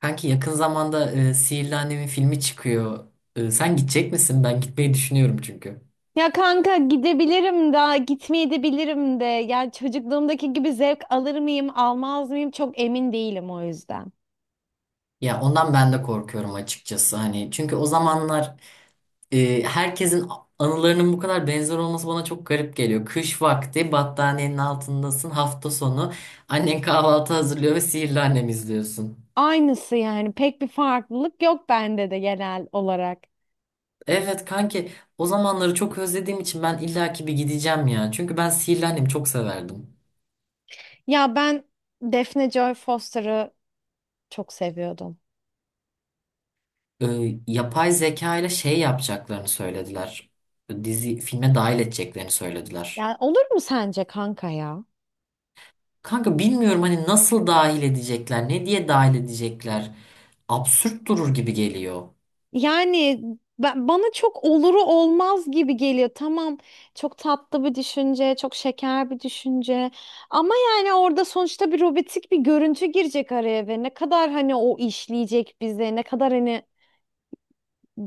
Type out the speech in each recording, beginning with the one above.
Kanki yakın zamanda Sihirli Annem'in filmi çıkıyor. Sen gidecek misin? Ben gitmeyi düşünüyorum çünkü. Ya kanka gidebilirim da gitmeyebilirim de. Yani çocukluğumdaki gibi zevk alır mıyım, almaz mıyım çok emin değilim o yüzden. Ya ondan ben de korkuyorum açıkçası. Hani çünkü o zamanlar herkesin anılarının bu kadar benzer olması bana çok garip geliyor. Kış vakti battaniyenin altındasın hafta sonu. Annen kahvaltı hazırlıyor ve Sihirli Annem izliyorsun. Aynısı yani pek bir farklılık yok bende de genel olarak. Evet kanki, o zamanları çok özlediğim için ben illaki bir gideceğim ya. Çünkü ben Sihirli Annem'i çok severdim. Ya ben Defne Joy Foster'ı çok seviyordum. e, Yapay zeka ile şey yapacaklarını söylediler. Dizi filme dahil edeceklerini söylediler. Yani olur mu sence kanka ya? Kanka bilmiyorum, hani nasıl dahil edecekler, ne diye dahil edecekler. Absürt durur gibi geliyor. Yani ben, bana çok oluru olmaz gibi geliyor. Tamam, çok tatlı bir düşünce, çok şeker bir düşünce. Ama yani orada sonuçta bir robotik bir görüntü girecek araya ve ne kadar hani o işleyecek bize, ne kadar hani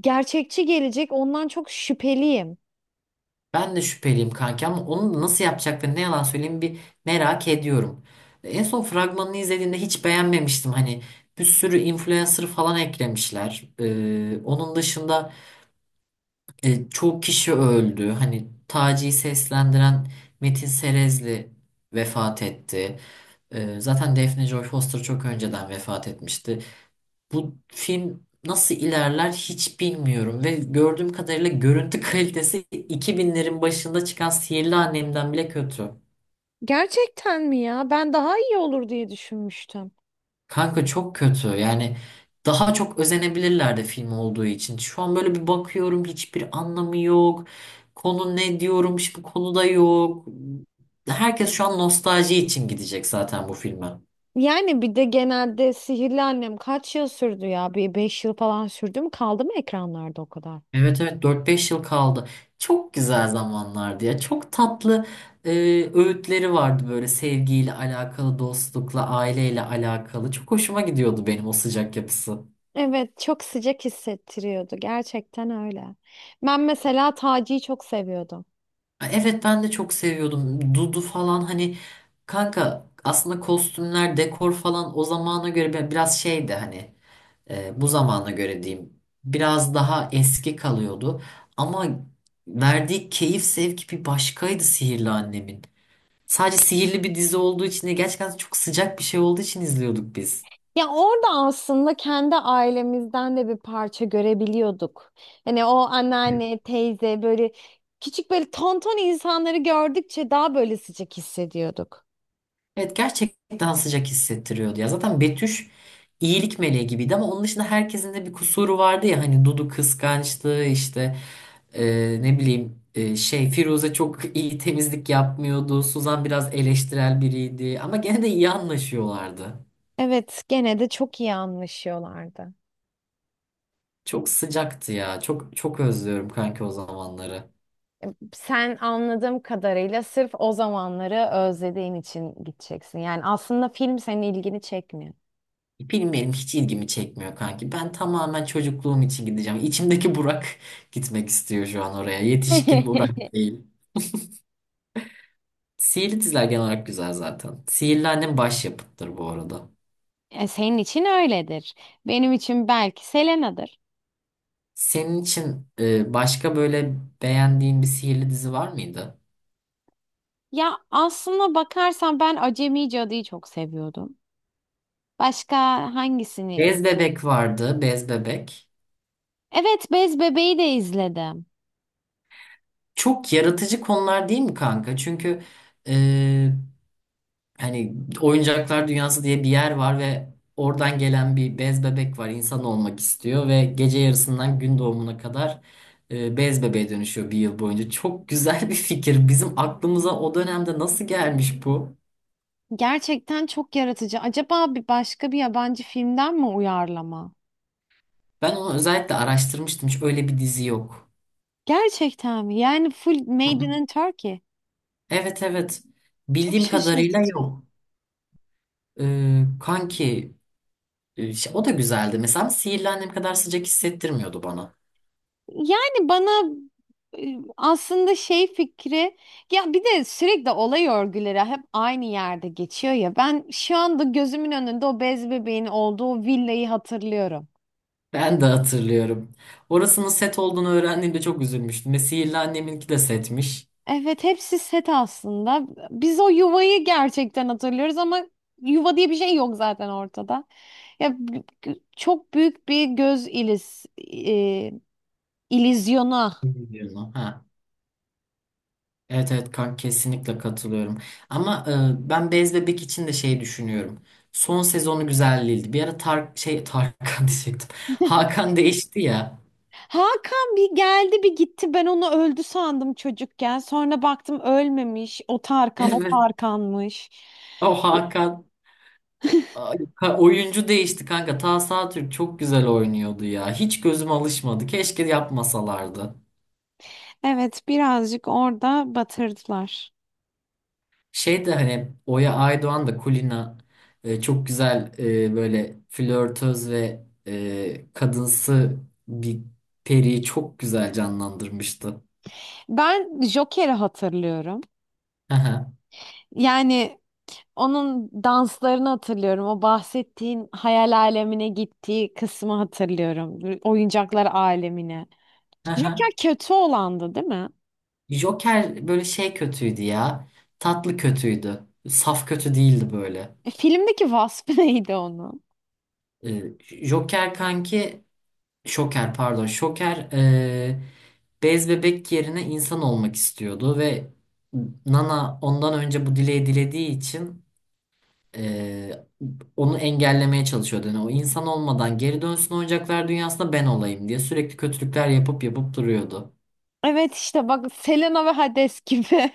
gerçekçi gelecek ondan çok şüpheliyim. Ben de şüpheliyim kanka, ama onu nasıl yapacaklarını ne yalan söyleyeyim, bir merak ediyorum. En son fragmanını izlediğimde hiç beğenmemiştim. Hani bir sürü influencer falan eklemişler. Onun dışında, çok kişi öldü. Hani Taci'yi seslendiren Metin Serezli vefat etti. Zaten Daphne Joy Foster çok önceden vefat etmişti. Bu film nasıl ilerler hiç bilmiyorum ve gördüğüm kadarıyla görüntü kalitesi 2000'lerin başında çıkan Sihirli Annem'den bile kötü. Gerçekten mi ya? Ben daha iyi olur diye düşünmüştüm. Kanka çok kötü. Yani daha çok özenebilirlerdi film olduğu için. Şu an böyle bir bakıyorum, hiçbir anlamı yok. Konu ne diyorum, hiçbir konu da yok. Herkes şu an nostalji için gidecek zaten bu filme. Yani bir de genelde Sihirli Annem kaç yıl sürdü ya? Bir 5 yıl falan sürdü mü? Kaldı mı ekranlarda o kadar? Evet, evet, dört beş yıl kaldı. Çok güzel zamanlardı ya. Çok tatlı e, öğütleri vardı böyle, sevgiyle alakalı, dostlukla, aileyle alakalı. Çok hoşuma gidiyordu benim o sıcak yapısı. Evet, çok sıcak hissettiriyordu. Gerçekten öyle. Ben mesela Taci'yi çok seviyordum. Evet, ben de çok seviyordum. Dudu falan, hani kanka aslında kostümler, dekor falan o zamana göre biraz şeydi, hani bu zamana göre diyeyim. Biraz daha eski kalıyordu. Ama verdiği keyif sevki bir başkaydı Sihirli Annem'in. Sadece sihirli bir dizi olduğu için de, gerçekten çok sıcak bir şey olduğu için izliyorduk biz. Ya orada aslında kendi ailemizden de bir parça görebiliyorduk. Hani o anneanne, teyze böyle küçük böyle tonton insanları gördükçe daha böyle sıcak hissediyorduk. Evet, gerçekten sıcak hissettiriyordu ya. Zaten Betüş iyilik meleği gibiydi ama onun dışında herkesin de bir kusuru vardı ya, hani Dudu kıskançlığı işte. Ne bileyim, şey Firuze çok iyi temizlik yapmıyordu. Suzan biraz eleştirel biriydi ama gene de iyi anlaşıyorlardı. Evet, gene de çok iyi anlaşıyorlardı. Çok sıcaktı ya. Çok çok özlüyorum kanki o zamanları. Sen anladığım kadarıyla sırf o zamanları özlediğin için gideceksin. Yani aslında film senin ilgini çekmiyor. Bilmiyorum, hiç ilgimi çekmiyor kanki. Ben tamamen çocukluğum için gideceğim. İçimdeki Burak gitmek istiyor şu an oraya. Yetişkin Burak değil. Sihirli diziler genel olarak güzel zaten. Sihirli Annem başyapıttır bu arada. E, senin için öyledir. Benim için belki Selena'dır. Senin için başka böyle beğendiğin bir sihirli dizi var mıydı? Ya aslında bakarsan ben Acemi Cadı'yı çok seviyordum. Başka hangisini? Bez bebek vardı, bez bebek. Evet, Bez Bebeği de izledim. Çok yaratıcı konular değil mi kanka? Çünkü e, hani oyuncaklar dünyası diye bir yer var ve oradan gelen bir bez bebek var. İnsan olmak istiyor ve gece yarısından gün doğumuna kadar bez bebeğe dönüşüyor bir yıl boyunca. Çok güzel bir fikir. Bizim aklımıza o dönemde nasıl gelmiş bu? Gerçekten çok yaratıcı. Acaba bir başka bir yabancı filmden mi uyarlama? Ben onu özellikle araştırmıştım. Hiç öyle bir dizi yok. Gerçekten mi? Yani full Hı hı. Made in Turkey. Evet, evet. Çok Bildiğim kadarıyla şaşırtıcı. yok. Kanki. İşte o da güzeldi. Mesela Sihirli Annem kadar sıcak hissettirmiyordu bana. Yani bana aslında şey fikri ya bir de sürekli olay örgüleri hep aynı yerde geçiyor ya ben şu anda gözümün önünde o bez bebeğin olduğu villayı hatırlıyorum. Ben de hatırlıyorum. Orasının set olduğunu öğrendiğimde çok üzülmüştüm. Ve Sihirli Annem'inki de setmiş. Evet hepsi set aslında. Biz o yuvayı gerçekten hatırlıyoruz ama yuva diye bir şey yok zaten ortada. Ya çok büyük bir göz e, ilizyona. Bilmiyorum. Ha. Evet, evet kanka, kesinlikle katılıyorum. Ama ben Bez Bebek için de şey düşünüyorum. Son sezonu güzel değildi. Bir ara Tarkan diyecektim. Hakan değişti ya. Hakan bir geldi bir gitti. Ben onu öldü sandım çocukken. Sonra baktım ölmemiş. O Tarkan, o Evet. Tarkan'mış. O Hakan. Ay, oyuncu değişti kanka. Tahsin Atürk çok güzel oynuyordu ya. Hiç gözüm alışmadı. Keşke yapmasalardı. Evet, birazcık orada batırdılar. Şey de, hani Oya Aydoğan da Kulina çok güzel böyle flörtöz ve kadınsı bir periyi çok güzel canlandırmıştı. Ben Joker'i hatırlıyorum. Hı hı, Yani onun danslarını hatırlıyorum. O bahsettiğin hayal alemine gittiği kısmı hatırlıyorum. Oyuncaklar alemine. hı Joker hı. kötü olandı, değil mi? Joker böyle şey kötüydü ya. Tatlı kötüydü. Saf kötü değildi böyle. E, filmdeki vasfı neydi onun? E, Joker kanki Şoker pardon. Şoker bez bebek yerine insan olmak istiyordu ve Nana ondan önce bu dileği dilediği için eee, onu engellemeye çalışıyordu. Yani o insan olmadan geri dönsün, oyuncaklar dünyasında ben olayım diye sürekli kötülükler yapıp yapıp duruyordu. Evet işte bak Selena ve Hades gibi.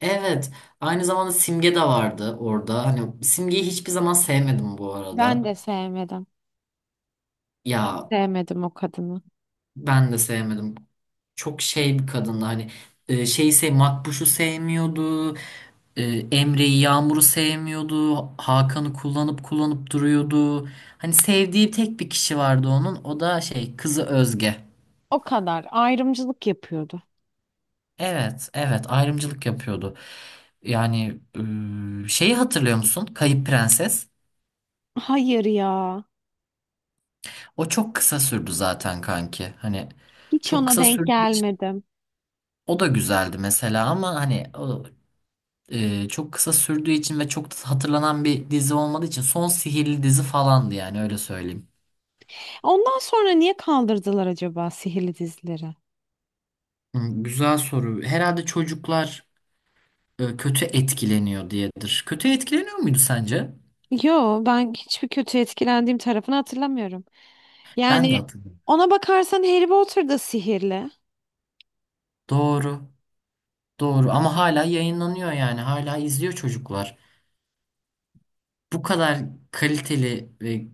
Evet, aynı zamanda Simge de vardı orada. Hani Simge'yi hiçbir zaman sevmedim bu Ben arada. de sevmedim. Ya, Sevmedim o kadını. ben de sevmedim. Çok şey bir kadındı, hani e, şeyi sev Makbuş'u sevmiyordu. e, Emre'yi, Yağmur'u sevmiyordu. Hakan'ı kullanıp kullanıp duruyordu. Hani sevdiği tek bir kişi vardı onun. O da şey kızı Özge. O kadar ayrımcılık yapıyordu. Evet, evet ayrımcılık yapıyordu. Yani şeyi hatırlıyor musun? Kayıp Prenses. Hayır ya. O çok kısa sürdü zaten kanki. Hani Hiç çok ona kısa denk sürdüğü için gelmedim. o da güzeldi mesela, ama hani çok kısa sürdüğü için ve çok da hatırlanan bir dizi olmadığı için son sihirli dizi falandı yani, öyle söyleyeyim. Ondan sonra niye kaldırdılar acaba sihirli dizileri? Hı, güzel soru. Herhalde çocuklar kötü etkileniyor diyedir. Kötü etkileniyor muydu sence? Yo ben hiçbir kötü etkilendiğim tarafını hatırlamıyorum. Ben de Yani hatırlıyorum. ona bakarsan Harry Potter da sihirli. Doğru. Doğru, ama hala yayınlanıyor yani, hala izliyor çocuklar. Bu kadar kaliteli ve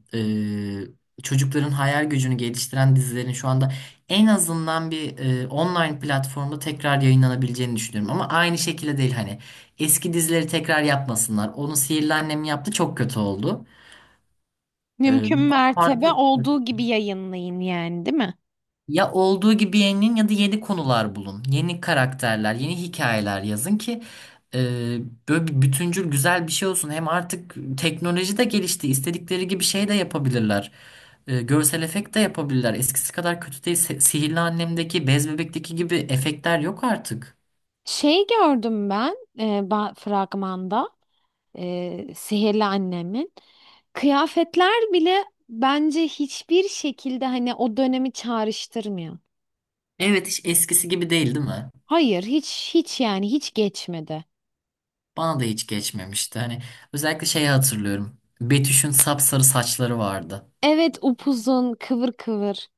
çocukların hayal gücünü geliştiren dizilerin şu anda en azından bir online platformda tekrar yayınlanabileceğini düşünüyorum. Ama aynı şekilde değil, hani eski dizileri tekrar yapmasınlar. Onu Sihirli Annem yaptı, çok kötü oldu. E, Mümkün mertebe Farklı. olduğu gibi yayınlayın yani, değil mi? Ya olduğu gibi yeninin ya da yeni konular bulun. Yeni karakterler, yeni hikayeler yazın ki e, böyle bir bütüncül güzel bir şey olsun. Hem artık teknoloji de gelişti. İstedikleri gibi şey de yapabilirler. Görsel efekt de yapabilirler. Eskisi kadar kötü değil. Sihirli Annem'deki, Bez Bebek'teki gibi efektler yok artık. Şey gördüm ben fragmanda Sihirli Annem'in. Kıyafetler bile bence hiçbir şekilde hani o dönemi çağrıştırmıyor. Evet, hiç eskisi gibi değil, değil mi? Hayır hiç hiç yani hiç geçmedi. Bana da hiç geçmemişti. Hani özellikle şeyi hatırlıyorum. Betüş'ün sapsarı saçları vardı. Evet upuzun kıvır kıvır.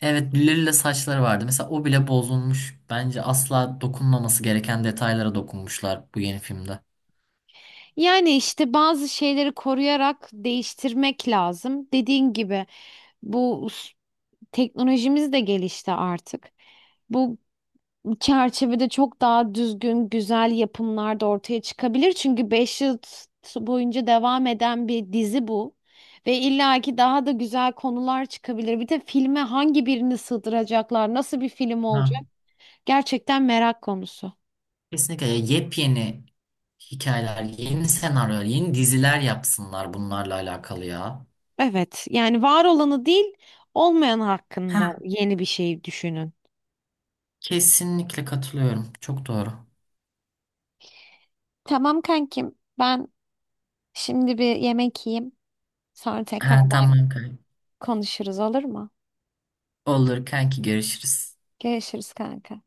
Evet, lila saçları vardı. Mesela o bile bozulmuş. Bence asla dokunmaması gereken detaylara dokunmuşlar bu yeni filmde. Yani işte bazı şeyleri koruyarak değiştirmek lazım. Dediğin gibi bu teknolojimiz de gelişti artık. Bu çerçevede çok daha düzgün, güzel yapımlar da ortaya çıkabilir. Çünkü 5 yıl boyunca devam eden bir dizi bu. Ve illaki daha da güzel konular çıkabilir. Bir de filme hangi birini sığdıracaklar, nasıl bir film Ha. olacak? Gerçekten merak konusu. Kesinlikle yepyeni hikayeler, yeni senaryolar, yeni diziler yapsınlar bunlarla alakalı ya. Evet, yani var olanı değil, olmayan hakkında Ha. yeni bir şey düşünün. Kesinlikle katılıyorum. Çok doğru. Tamam kankim, ben şimdi bir yemek yiyeyim. Sonra tekrar Ha, ben tamam kanka. konuşuruz olur mu? Olur kanki, görüşürüz. Görüşürüz kanka.